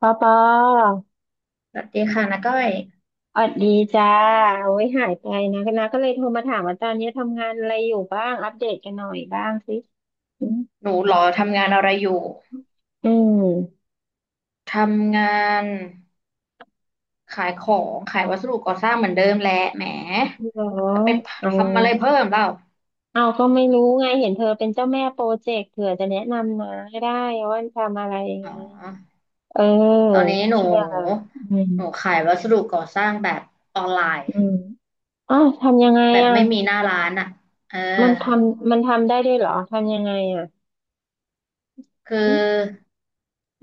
ปอปสวัสดีค่ะน้าก้อยออดดีจ้าโอ้ยหายไปนะนะก็เลยโทรมาถามว่าตอนนี้ทำงานอะไรอยู่บ้างอัปเดตกันหน่อยบ้างสิอืมหนูเหรอทำงานอะไรอยู่ อืมทำงานขายของขายวัสดุก่อสร้างเหมือนเดิมแหละแหมเหรอจะไปเอาทำอะไรเพิ่มเปล่าเอาก็ไม่รู้ไงเห็นเธอเป็นเจ้าแม่โปรเจกต์เผื่อจะแนะนำนะให้ได้ว่าทำอะไรยังไงอ๋อเออตอนนี้หนูเชื่ออืมหนูขายวัสดุก่อสร้างแบบออนไลอืน์มอ้าวทำยังไงแบบอ่ะไม่มีหน้าร้านอ่ะเออมันทำได้ด้วยเหรอทำยังไงอ่ะคือืมอ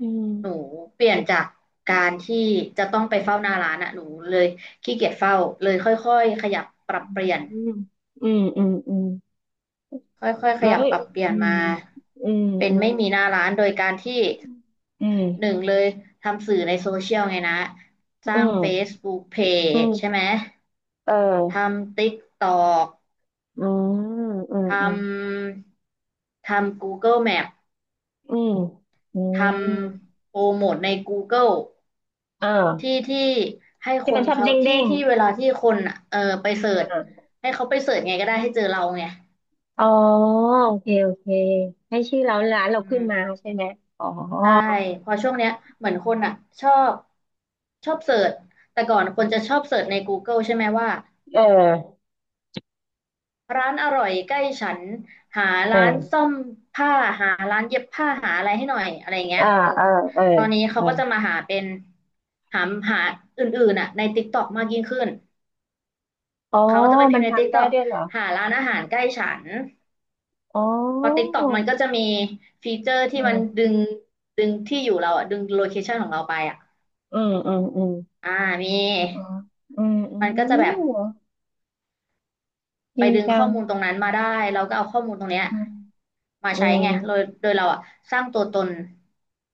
อืมหนูเปลี่ยนจากการที่จะต้องไปเฝ้าหน้าร้านอ่ะหนูเลยขี้เกียจเฝ้าเลยค่อยๆขยับปรับเปลี่ยน อืมอืมอืม ค่อยๆ ขแล้วยับปรับเปลี่ยนอืมามอืมเป็นอืมไม่มีหน้าร้านโดยการที่อืหนึ่งมเลยทำสื่อในโซเชียลไงนะสอืร้าง ม Facebook อื Page ใช่ไหมมเทออำ TikTok อืมอืทมอืมำทำ Google Map อืมอืทมำโปรโมทใน Google อ่ที่าที่ให้ที่คมันนชอบเขาเด้งเด้ที่งที่เวลาที่คนอะเออไปเสิร์ชอ่าให้เขาไปเสิร์ชไงก็ได้ให้เจอเราไงอ๋อโอเคให้ชื่อเราร้านเราอืขึ้นมาม ใช่ไหมอ๋อใช่เพอช่วงเนี้ยเหมือนคนอ่ะชอบชอบเสิร์ชแต่ก่อนคนจะชอบเสิร์ชใน g o เกิ e ใช่ไหมว่าเออร้านอร่อยใกล้ฉันหาเอร้านซ่ออมผ้าหาร้านเย็บผ้าหาอะไรให้หน่อยอะไรเงี้อ่ายเออเออตอนนี้เอเขาอก็จะมาหาเป็นหาหาอื่นๆอ่ะในติ๊กต็อกมากยิ่งขึ้นอ๋อเขาก็จะไปพิมัมนพ์ในติ๊กทำได้ต็อกด้วยเหรอหาร้านอาหารใกล้ฉันอ๋พอติ๊กอต็อกมันก็จะมีฟีเจอร์อืที่มันดึมงดึงที่อยู่เราอ่ะดึงโลเคชันของเราไปอ่ะอืมอ่ามี อ๋ออืมอืมันก็จะแบบมไปดีดึงจัข้องมูลตรงนั้นมาได้เราก็เอาข้อมูลตรงเนี้ยอืม มาอืใช้ม ไงโดยเราอะสร้างตัวตน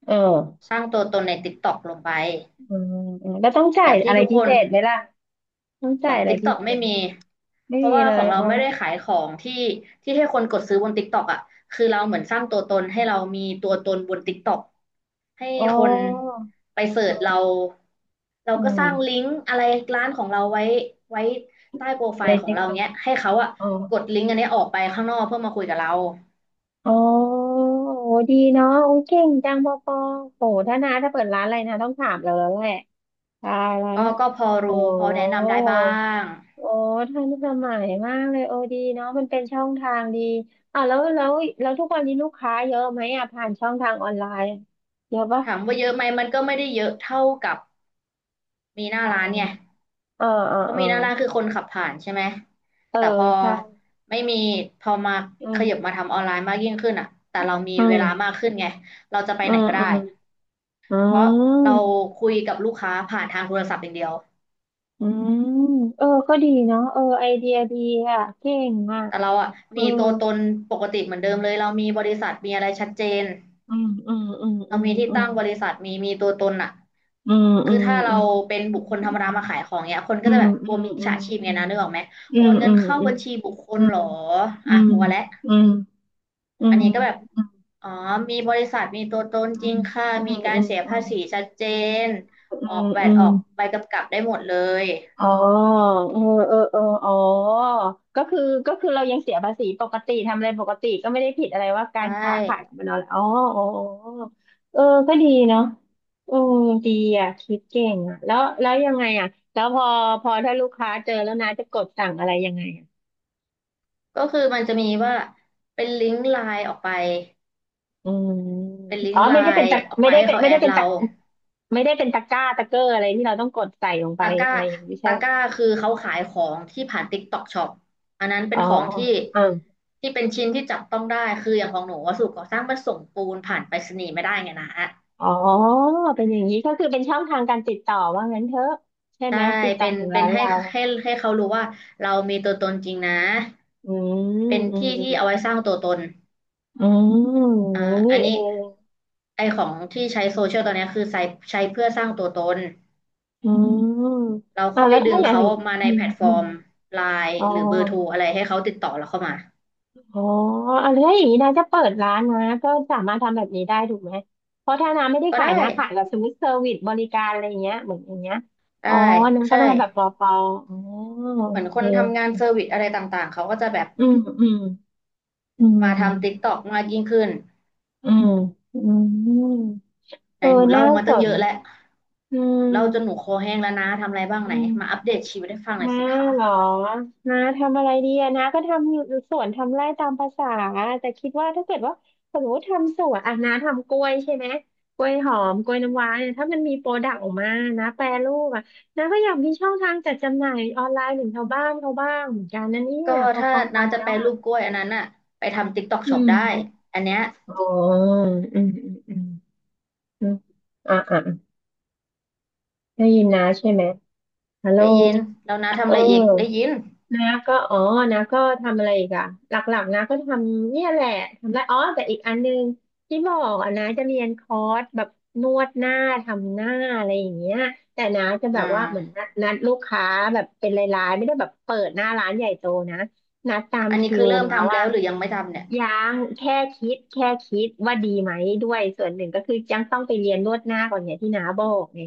เออสร้างตัวตนใน TikTok ลงไปอืมอืมแล้วต้องจ่าแบยบอะที่ไรทุกพิคเศนษไหมล่ะต้องขจ่าอยง อะไรพิ TikTok เศไม่ษไหมมีไม่เพราะมีว่าเลขอยงเราอ๋อ ไม่ได้ขายของที่ที่ให้คนกดซื้อบน TikTok อะคือเราเหมือนสร้างตัวตนให้เรามีตัวตนบน TikTok ให้อ๋อคนไปเสิร์อืชเรามเราอืก็มสร้างลิงก์อะไรร้านของเราไว้ไว้ใต้โปรไฟในล์ขอเทงคเรานิคเนี้ยให้เขาอะอ๋อกดลิงก์อันเนี้ยออกไปข้างนอกเพื่อมาคุยกับเราอ๋อโหดีเนาะโอ้ยเก่งจังปอปอโหถ้านาถ้าเปิดร้านอะไรนะต้องถามเราแล้วแหละตายและก็พอโอ้รู้พอแนะนำได้บ้างโอ้ท่านสมัยมากเลยโอ้ดีเนาะมันเป็นช่องทางดีอ่าแล้วทุกวันนี้ลูกค้าเยอะไหมอ่ะผ่านช่องทางออนไลน์เยอะปะ ถามว่าเยอะไหมมันก็ไม่ได้เยอะเท่ากับมีหน้าร้านไงเออเออเพราะเออมีหน้าร้านคือคนขับผ่านใช่ไหมเออแต่พอใช่ไม่มีพอมาอืขมยับมาทำออนไลน์มากยิ่งขึ้นอะแต่เรามีอืเวมลามากขึ้นไงเราจะไปอืไหนมก็อืได้ มอืเพราะเรามคุยกับลูกค้าผ่านทางโทรศัพท์อย่างเดียวอืมเออก็ดีเนาะเออไอเดียดีอ่ะเก่งอ่ะแต่เราอ่ะเออมีตัวตนปกติเหมือนเดิมเลย เรามีบริษัทมีอะไรชัดเจน อืมอืมอืมอืเรามมีที่อตั้งบริษัทมีมีตัวตนอ่ะืมอืคือมถ้าอืเรามเป็นบุคคลธรรมดามาขายของเนี้ยคนอืก็จะมแบบกลัวมิจอืฉาชีพมไงนะนึกออกไหมอืโอมนเงิอืนมเข้าอืมบัญชีบุคคอืลมเหรออือ่ะมกลัวแล้ว อืมอือันมนี้ก็แบบ อ๋อมีบริษัทมีตัวตนจริงค่ะอืมีมกาอืมอืรมเสียอืภามษีชัดเจนอืมอออืกมแวอืมอืดมออือกม ใบกำกับได้หมดเลยอ๋อเออเอออ๋อก็คือก็คือเรายังเสียภาษีปกติทำอะไรปกติก็ไม่ได้ผิดอะไรว่ากาใช่ รค้าขายมันเอาอ๋ออ๋ออ๋อเออก็ดีเนาะเออดีอ่ะคิดเก่งอ่ะแล้วยังไงอ่ะแล้วพอถ้าลูกค้าเจอแล้วนะจะกดสั่งอะไรยังไงอ่ะก็คือมันจะมีว่าเป็นลิงก์ไลน์ออกไปอืมเป็นลิอ๋งอก์ไลไม่ได้เป็นน์ตะออกไม่ไปได้ให้เป็นเขาไม่แอได้ดเป็นเราตะไม่ได้เป็นตะกร้าตะเกอร์อะไรที่เราต้องกดใส่ลงไปตะกร้าอะไรอย่างนี้ใช่ตะกร้าคือเขาขายของที่ผ่าน TikTok Shop อันนั้นเป็อ๋นของที่อ ที่เป็นชิ้นที่จับต้องได้คืออย่างของหนูวัสดุก่อสร้างมันส่งปูนผ่านไปรษณีย์ไม่ได้ไงนะอ๋อเป็นอย่างนี้ก็คือเป็นช่องทางการติดต่อว่างั้นเถอะใช่ไหใช่มติดต่อเป็นถึงเป็ร้านนให้เราให้เขารู้ว่าเรามีตัวตนจริงนะอืมเป็นอืมที่อืที่เอาไว้มสร้างตัวตนอืมอ่าอืมอันี่นเอนี้งไอของที่ใช้โซเชียลตอนเนี้ยคือใช้ใช้เพื่อสร้างตัวตน อืมเราอ่าค่อยแล้วดึถ้างอย่างเขามาในอืแพมลตฟออืมร์มไลน์อ๋อหรือเบอร์โทรอะไรให้เขาติดต่อเราเข้ามาอ๋ออะไรอย่างนี้นะจะเปิดร้านนะก็สามารถทำแบบนี้ได้ถูกไหมเพราะถ้าน้าไม่ได้ก็ขายได้นะขายแบบสมมติเซอร์วิสบริการอะไรอย่างเงี้ยเหมือนอย่างเงี้ยอ๋อได้น้าก็ต้อใช่งทำแบบปอปออ๋อเหโอมือนคเคนทำงานเซอร์วิสอะไรต่างๆเขาก็จะแบบอืมอืมอืมาทำ ม TikTok มากยิ่งขึ้นอืมอืมไหเอนอหนูเล่าน่ามาสตั้งเยนอะแล้วอืหม นูเล่าจนหนูคอแห้งแล้วนะทำอะไรบ้างอืไหนมมาอัปเดตชีวิตให้ฟังหน่อยน้าสิคะเหรอน้าทำอะไรดีอะน้าก็ทำอยู่สวน ทำไร่ตามภาษา แต่คิดว่าถ้าเกิดว่าสมมติทำสวนอ่ะน้าทำกล้วยใช่ไหมกล้วยหอมกล้วยน้ำว้าเนี่ยถ้ามันมีโปรดักต์ออกมานะแปรรูปอะน้าก็อยากมีช่องทางจัดจำหน่ายออนไลน์ถึงชาวบ้านเขาบ้างเหมือนกันนั่นเนี่ยก็พอถ้าฟังฟัน้างจะแล้แปวรอะรูปกล้วยอันนั้นน่ะไปทำ TikTok อื Shop มได้อันเนี้ยอ๋ออืมอมอ่ะอ่ะได้ยินนะใช่ไหม ฮัลโหลได้ยินแล้วน้าทำเออะไรอีกอได้ยินนาก็อ๋อนาก็ทำอะไรอีกอะหลักๆนาก็ทำเนี่ยแหละทำไรอ๋อ แต่อีกอันนึงที่บอกอะนาจะเรียนคอร์สแบบนวดหน้า ทำหน้าอะไรอย่างเงี้ยแต่นาจะแบอ่าบว่าเหมือนนัดลูกค้าแบบเป็นรายๆ ไม่ได้แบบเปิดหน้าร้านใหญ่โตนะนัดตามอันนี้คิคืวอเริ่มนะทำว่าแล้วหรือยังไม่ทำเนี่ยยังแค่คิดว่าดีไหมด้วย ส่วนหนึ่งก็คือยังต้องไปเรียนนวดหน้าก่อนเนี่ยที่นาบอกไง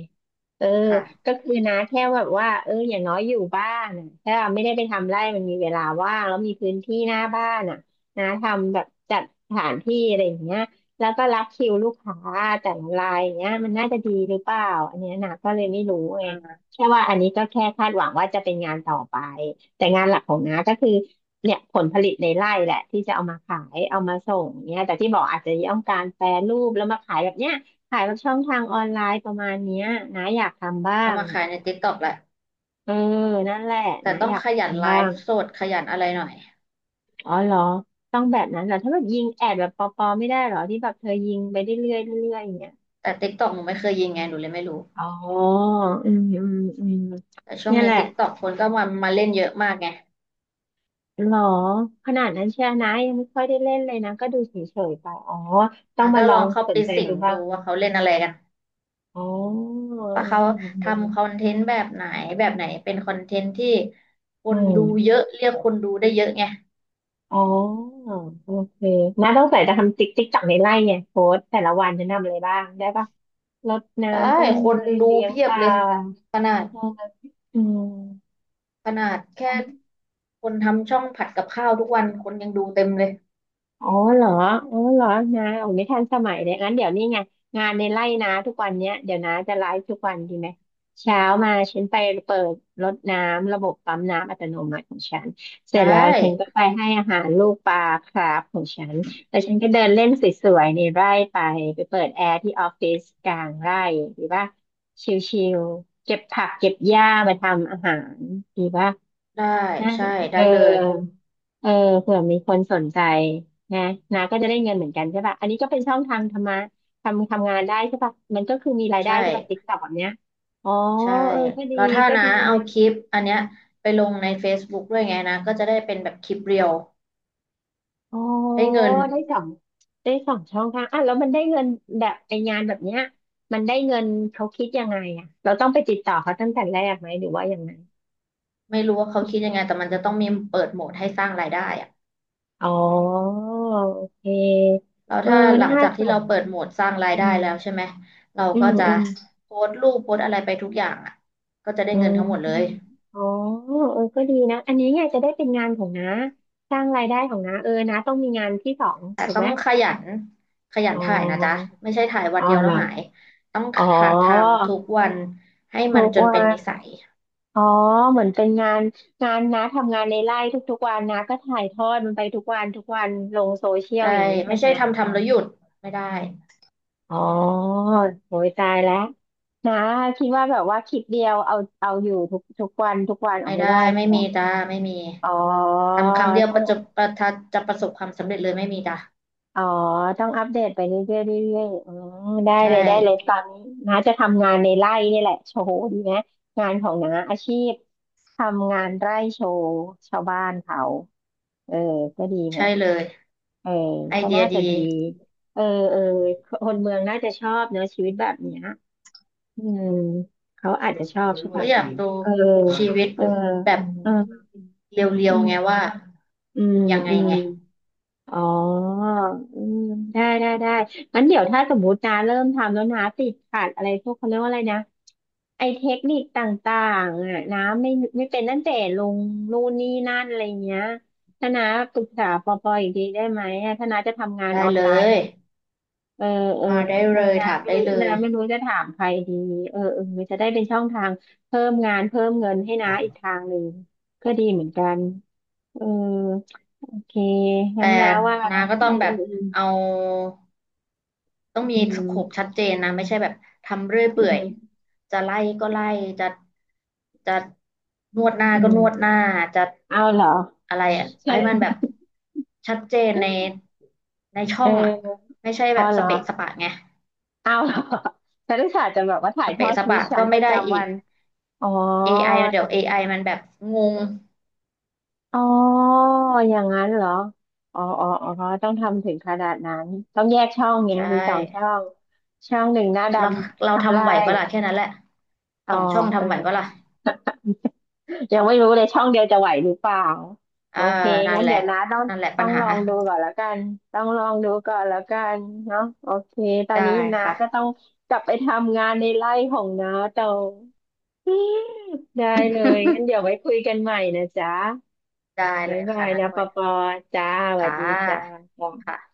เออค่ะก็คือนะแค่แบบว่าเอออย่างน้อยอยู่บ้านน่ะถ้าไม่ได้ไปทำไร่มันมีเวลาว่างแล้วมีพื้นที่หน้าบ้านอ่ะนะทำแบบจัดสถานที่อะไรอย่างเงี้ยแล้วก็รับคิวลูกค้าแต่ละรายอย่างเงี้ยมันน่าจะดีหรือเปล่าอันเนี้ยนะก็เลยไม่รู้ไงอ่าแค่ว่าอันนี้ก็แค่คาดหวังว่าจะเป็นงานต่อไปแต่งานหลักของน้าก็คือเนี่ยผลผลิตในไร่แหละที่จะเอามาขายเอามาส่งเนี่ยแต่ที่บอกอาจจะต้องการแปรรูปแล้วมาขายแบบเนี้ย ขายแบบช่องทางออนไลน์ประมาณเนี้ยนะอยากทำบ้าเอางมาอขายใน ะ TikTok แหละ เออนั่นแหละแต่นะต้อองยากขทยันำไลบ้างฟ์สดขยันอะไรหน่อยอ๋อเหรอต้องแบบนั้นเหรอถ้าแบบยิงแอดแบบปอๆไม่ได้เหรอที่แบบเธอยิงไปเรื่อยๆเรื่อยๆอย่างเงี้ยแต่ติ๊กต็อกหนูไม่เคยยิงไงหนูเลยไม่รู้อ๋ออืมอืมอืมแต่ช่วงเนี่ยแหนี้ละติ๊กต็อกคนก็มามาเล่นเยอะมากไงเหรอขนาดนั้นเชียร์นะยังไม่ค่อยได้เล่นเลยนะก็ดูเฉยๆไปอ๋อต้ออ่ะงมาก็ลลอองงเข้าสไปนใจสิดูงบ้าดูงว่าเขาเล่นอะไรกันอ๋ออืมว่าเขาอืมอืทำคอมนเทนต์แบบไหนแบบไหนเป็นคอนเทนต์ที่คอืนม ดูเยอะเรียกคนดูได้เยอะไงอ๋อโอเคน้าต้องใส่จะทำติ๊กติ๊กจักในไร่ไงโค้ดแต่ละวันจะทำอะไรบ้างได้ปะรดได้น้ำต้นคนไม้ดูเลี้ยงเพียปบลาเลยขนาดเอออืม ขนาดแค่คนทำช่องผัดกับข้าวทุกวันคนยังดูเต็มเลยอ๋อเหรออ๋อเหรอนาโอ้ไม่ทันสมัยเลยงั้นเดี๋ยวนี้ไง งานในไร่นาทุกวันเนี้ยเดี๋ยวนาจะไลฟ์ทุกวันดีไหม เช้ามาฉันไปเปิดรดน้ำ ระบบปั๊มน้ำอัตโนมัติของฉันเสไดร็จแล้วฉันก็้ไปให้อาหารลูกปลาคราฟของฉันแล้วฉันก็เดินเล่นสวยๆในไร่ไป ไปเปิดแอร์ที่ออฟฟิศกลางไร่ดีป่ะชิลๆเก็บผักเก็บหญ้ามาทำอาหารดีป่ะ ได้น่าใช่จะเอได้อเลยเออเผื่อมีคนสนใจนะนะก็จะได้เงินเหมือนกันใช่ป่ะอันนี้ก็เป็นช่องทางทำงานได้ใช่ป่ะมันก็คือมีรายได้ใช่ ใช่ป่ะติ๊กต็อกแบบเนี้ยอ๋อใช่เออก็ดีแล้วถ้าก็นะดีเอานะคลิปอันเนี้ยไปลงใน Facebook ด้วยไงนะก็จะได้เป็นแบบคลิปเรียวอ๋อได้เงินได้สองได้สองช่องทางอ่ะแล้วมันได้เงินแบบไองานแบบเนี้ยมันได้เงินเขาคิดยังไงอ่ะเราต้องไปติดต่อเขาตั้งแต่แรกไหมหรือว่ายังไงไม่รู้ว่าเขาคิดยังไงแต่มันจะต้องมีเปิดโหมดให้สร้างรายได้อะอ๋อโอเคแล้วเออถ้าหลังน่าจากสที่เรานเปิดโหมดสร้างรายอืได้มแล้วใช่ไหมเราอืก็มจะอืม โพสต์รูปโพสต์อะไรไปทุกอย่างอ่ะก็จะได้อืเงินมทั้งหมดเลยอ๋อเออก็ดีนะอันนี้เนี่ยจะได้เป็นงานของน้าสร้างรายได้ของน้าเออน้าต้องมีงานที่สองแต่ถูกต้ไหอมงขยันขยันอ๋ถ่ายนะจ๊ะอไม่ใช่ถ่ายวัอ๋นอเดียวเหรแล้วอหาย ต้องอ๋อหัดทำทุกวันให้ทุมันกจนวัเป็นนนิสัยอ๋อเหมือนเป็นงานงานน้าทำงานในไร่ทุกๆวันน้าก็ถ่ายทอดมันไปทุกวันทุกวันลงโซเชียลใช่อย่างนี้ใช่ไม่ไหมใช่ทำแล้วหยุดไม่ได้ อ๋อโหยตายแล้วน้าคิดว่าแบบว่าคลิปเดียวเอาอยู่ทุกวันทุกวันออไม่กไม่ได้ได้ใช่ไม่ไหมมีจ้าไม่มีอ๋อ ทำครั้งเดียวประจบประทัดจะประสบความสำเร็จเลยไม่มีจ้าอ๋อต้องอัปเดตไปเรื่อยๆเรื่อยๆอืมได้เลใช่ยได้เลยตอนนี้น้าจะทำงานในไร่นี่แหละโชว์ดีไหมงานของน้าอาชีพทำงานไร่โชว์ชาวบ้านเขาเออก็ดีไหมใช่เลยเออไอก็เดีน่ายจะดีดีเออเออคนเมืองน่าจะชอบเนอะชีวิตแบบเนี้ยอืมเขาอาจจะชอบใช่ก็ปะอยากดูเออชีวิตเออแบบเออเรีอืยวๆมไงว่าอืมยังไงอืม ไงอ๋ออืมได้ได้ได้งั้นเดี๋ยวถ้าสมมตินะเริ่มทำแล้วนะติดขัดอะไรพวกเขาเรียกว่าอะไรนะไอเทคนิคต่างๆอ่ะน้ำไม่เป็นตั้งแต่ลงนู่นนี่นั่นอะไรเงี้ยถ้านาปรึกษาปอปออีกทีได้ไหมอะถ้าน้าจะทำงานได้ออนเลไลน์ยเออเออมาได้แล้เลวยถาน้ำมไม่ได้รู้เลน้ย ไม่รู้จะถามใครดีเออเออจะได้เป็นช่องทางเพิ่มงานเพิ่มเงินให้น้าอีกทางหนึ่งก็ดีเหมือนกันเออ โอเคงั้แต่นนะว่านานะก็ต้ออืงแบบมเอาต้องมีอืสโคปมชัดเจนนะไม่ใช่แบบทำเรื่อยอืเปื่อยมจะไล่ก็ไล่จะจะนวดหน้าอืก็มอืนมวดหน้าจะเอาเหรออะไรอะให้มันแบใชบชัดเจนใน่ในช่เองอ่ะออไม่ใช่แบเอาบเหสรอ เปะสปะไงเอาเหรอฉันอุตส่าห์จะแบบว่าถ่าสยทอเปะดสชีวิปะตฉัก็นปไม่ระได้อีจำวัก นอ๋อ AI ทเดี๋ยวเอไอมันแบบงงำอ๋ออย่างนั้นเหรออ๋ออ๋ออ๋อต้องทำถึงขนาดนั้นต้องแยกช่องไงใชมีสองช่อ่ง ช่องหนึ่งหน้าดเราเราำทำไรทำไหวปะล่ะแค่นั้นแหละอ๋สอองช่องเออ ทำไหวปะล่ะ ยังไม่รู้เลยช่องเดียวจะไหวหรือเปล่าเอโออเคนั่นงั้นแหเดี๋ละ ยวนะต้องนั่นแหละต้ปัอญงหา ลองดูก่อนแล้วกันต้องลองดูก่อนแล้วกันเนาะโอเคตอนได้นี้นะก็ค่ะ ต้องกลับไปทำงานในไร่ของน้า ต่ออืมได้เลยงั้นเดี๋ยว ไว้คุยกันใหม่นะจ๊ะได้เลบ๊ายยบาค่ะยน้านะก้ปออปอยจ้าสวัค่สดีจ้าะค่ะ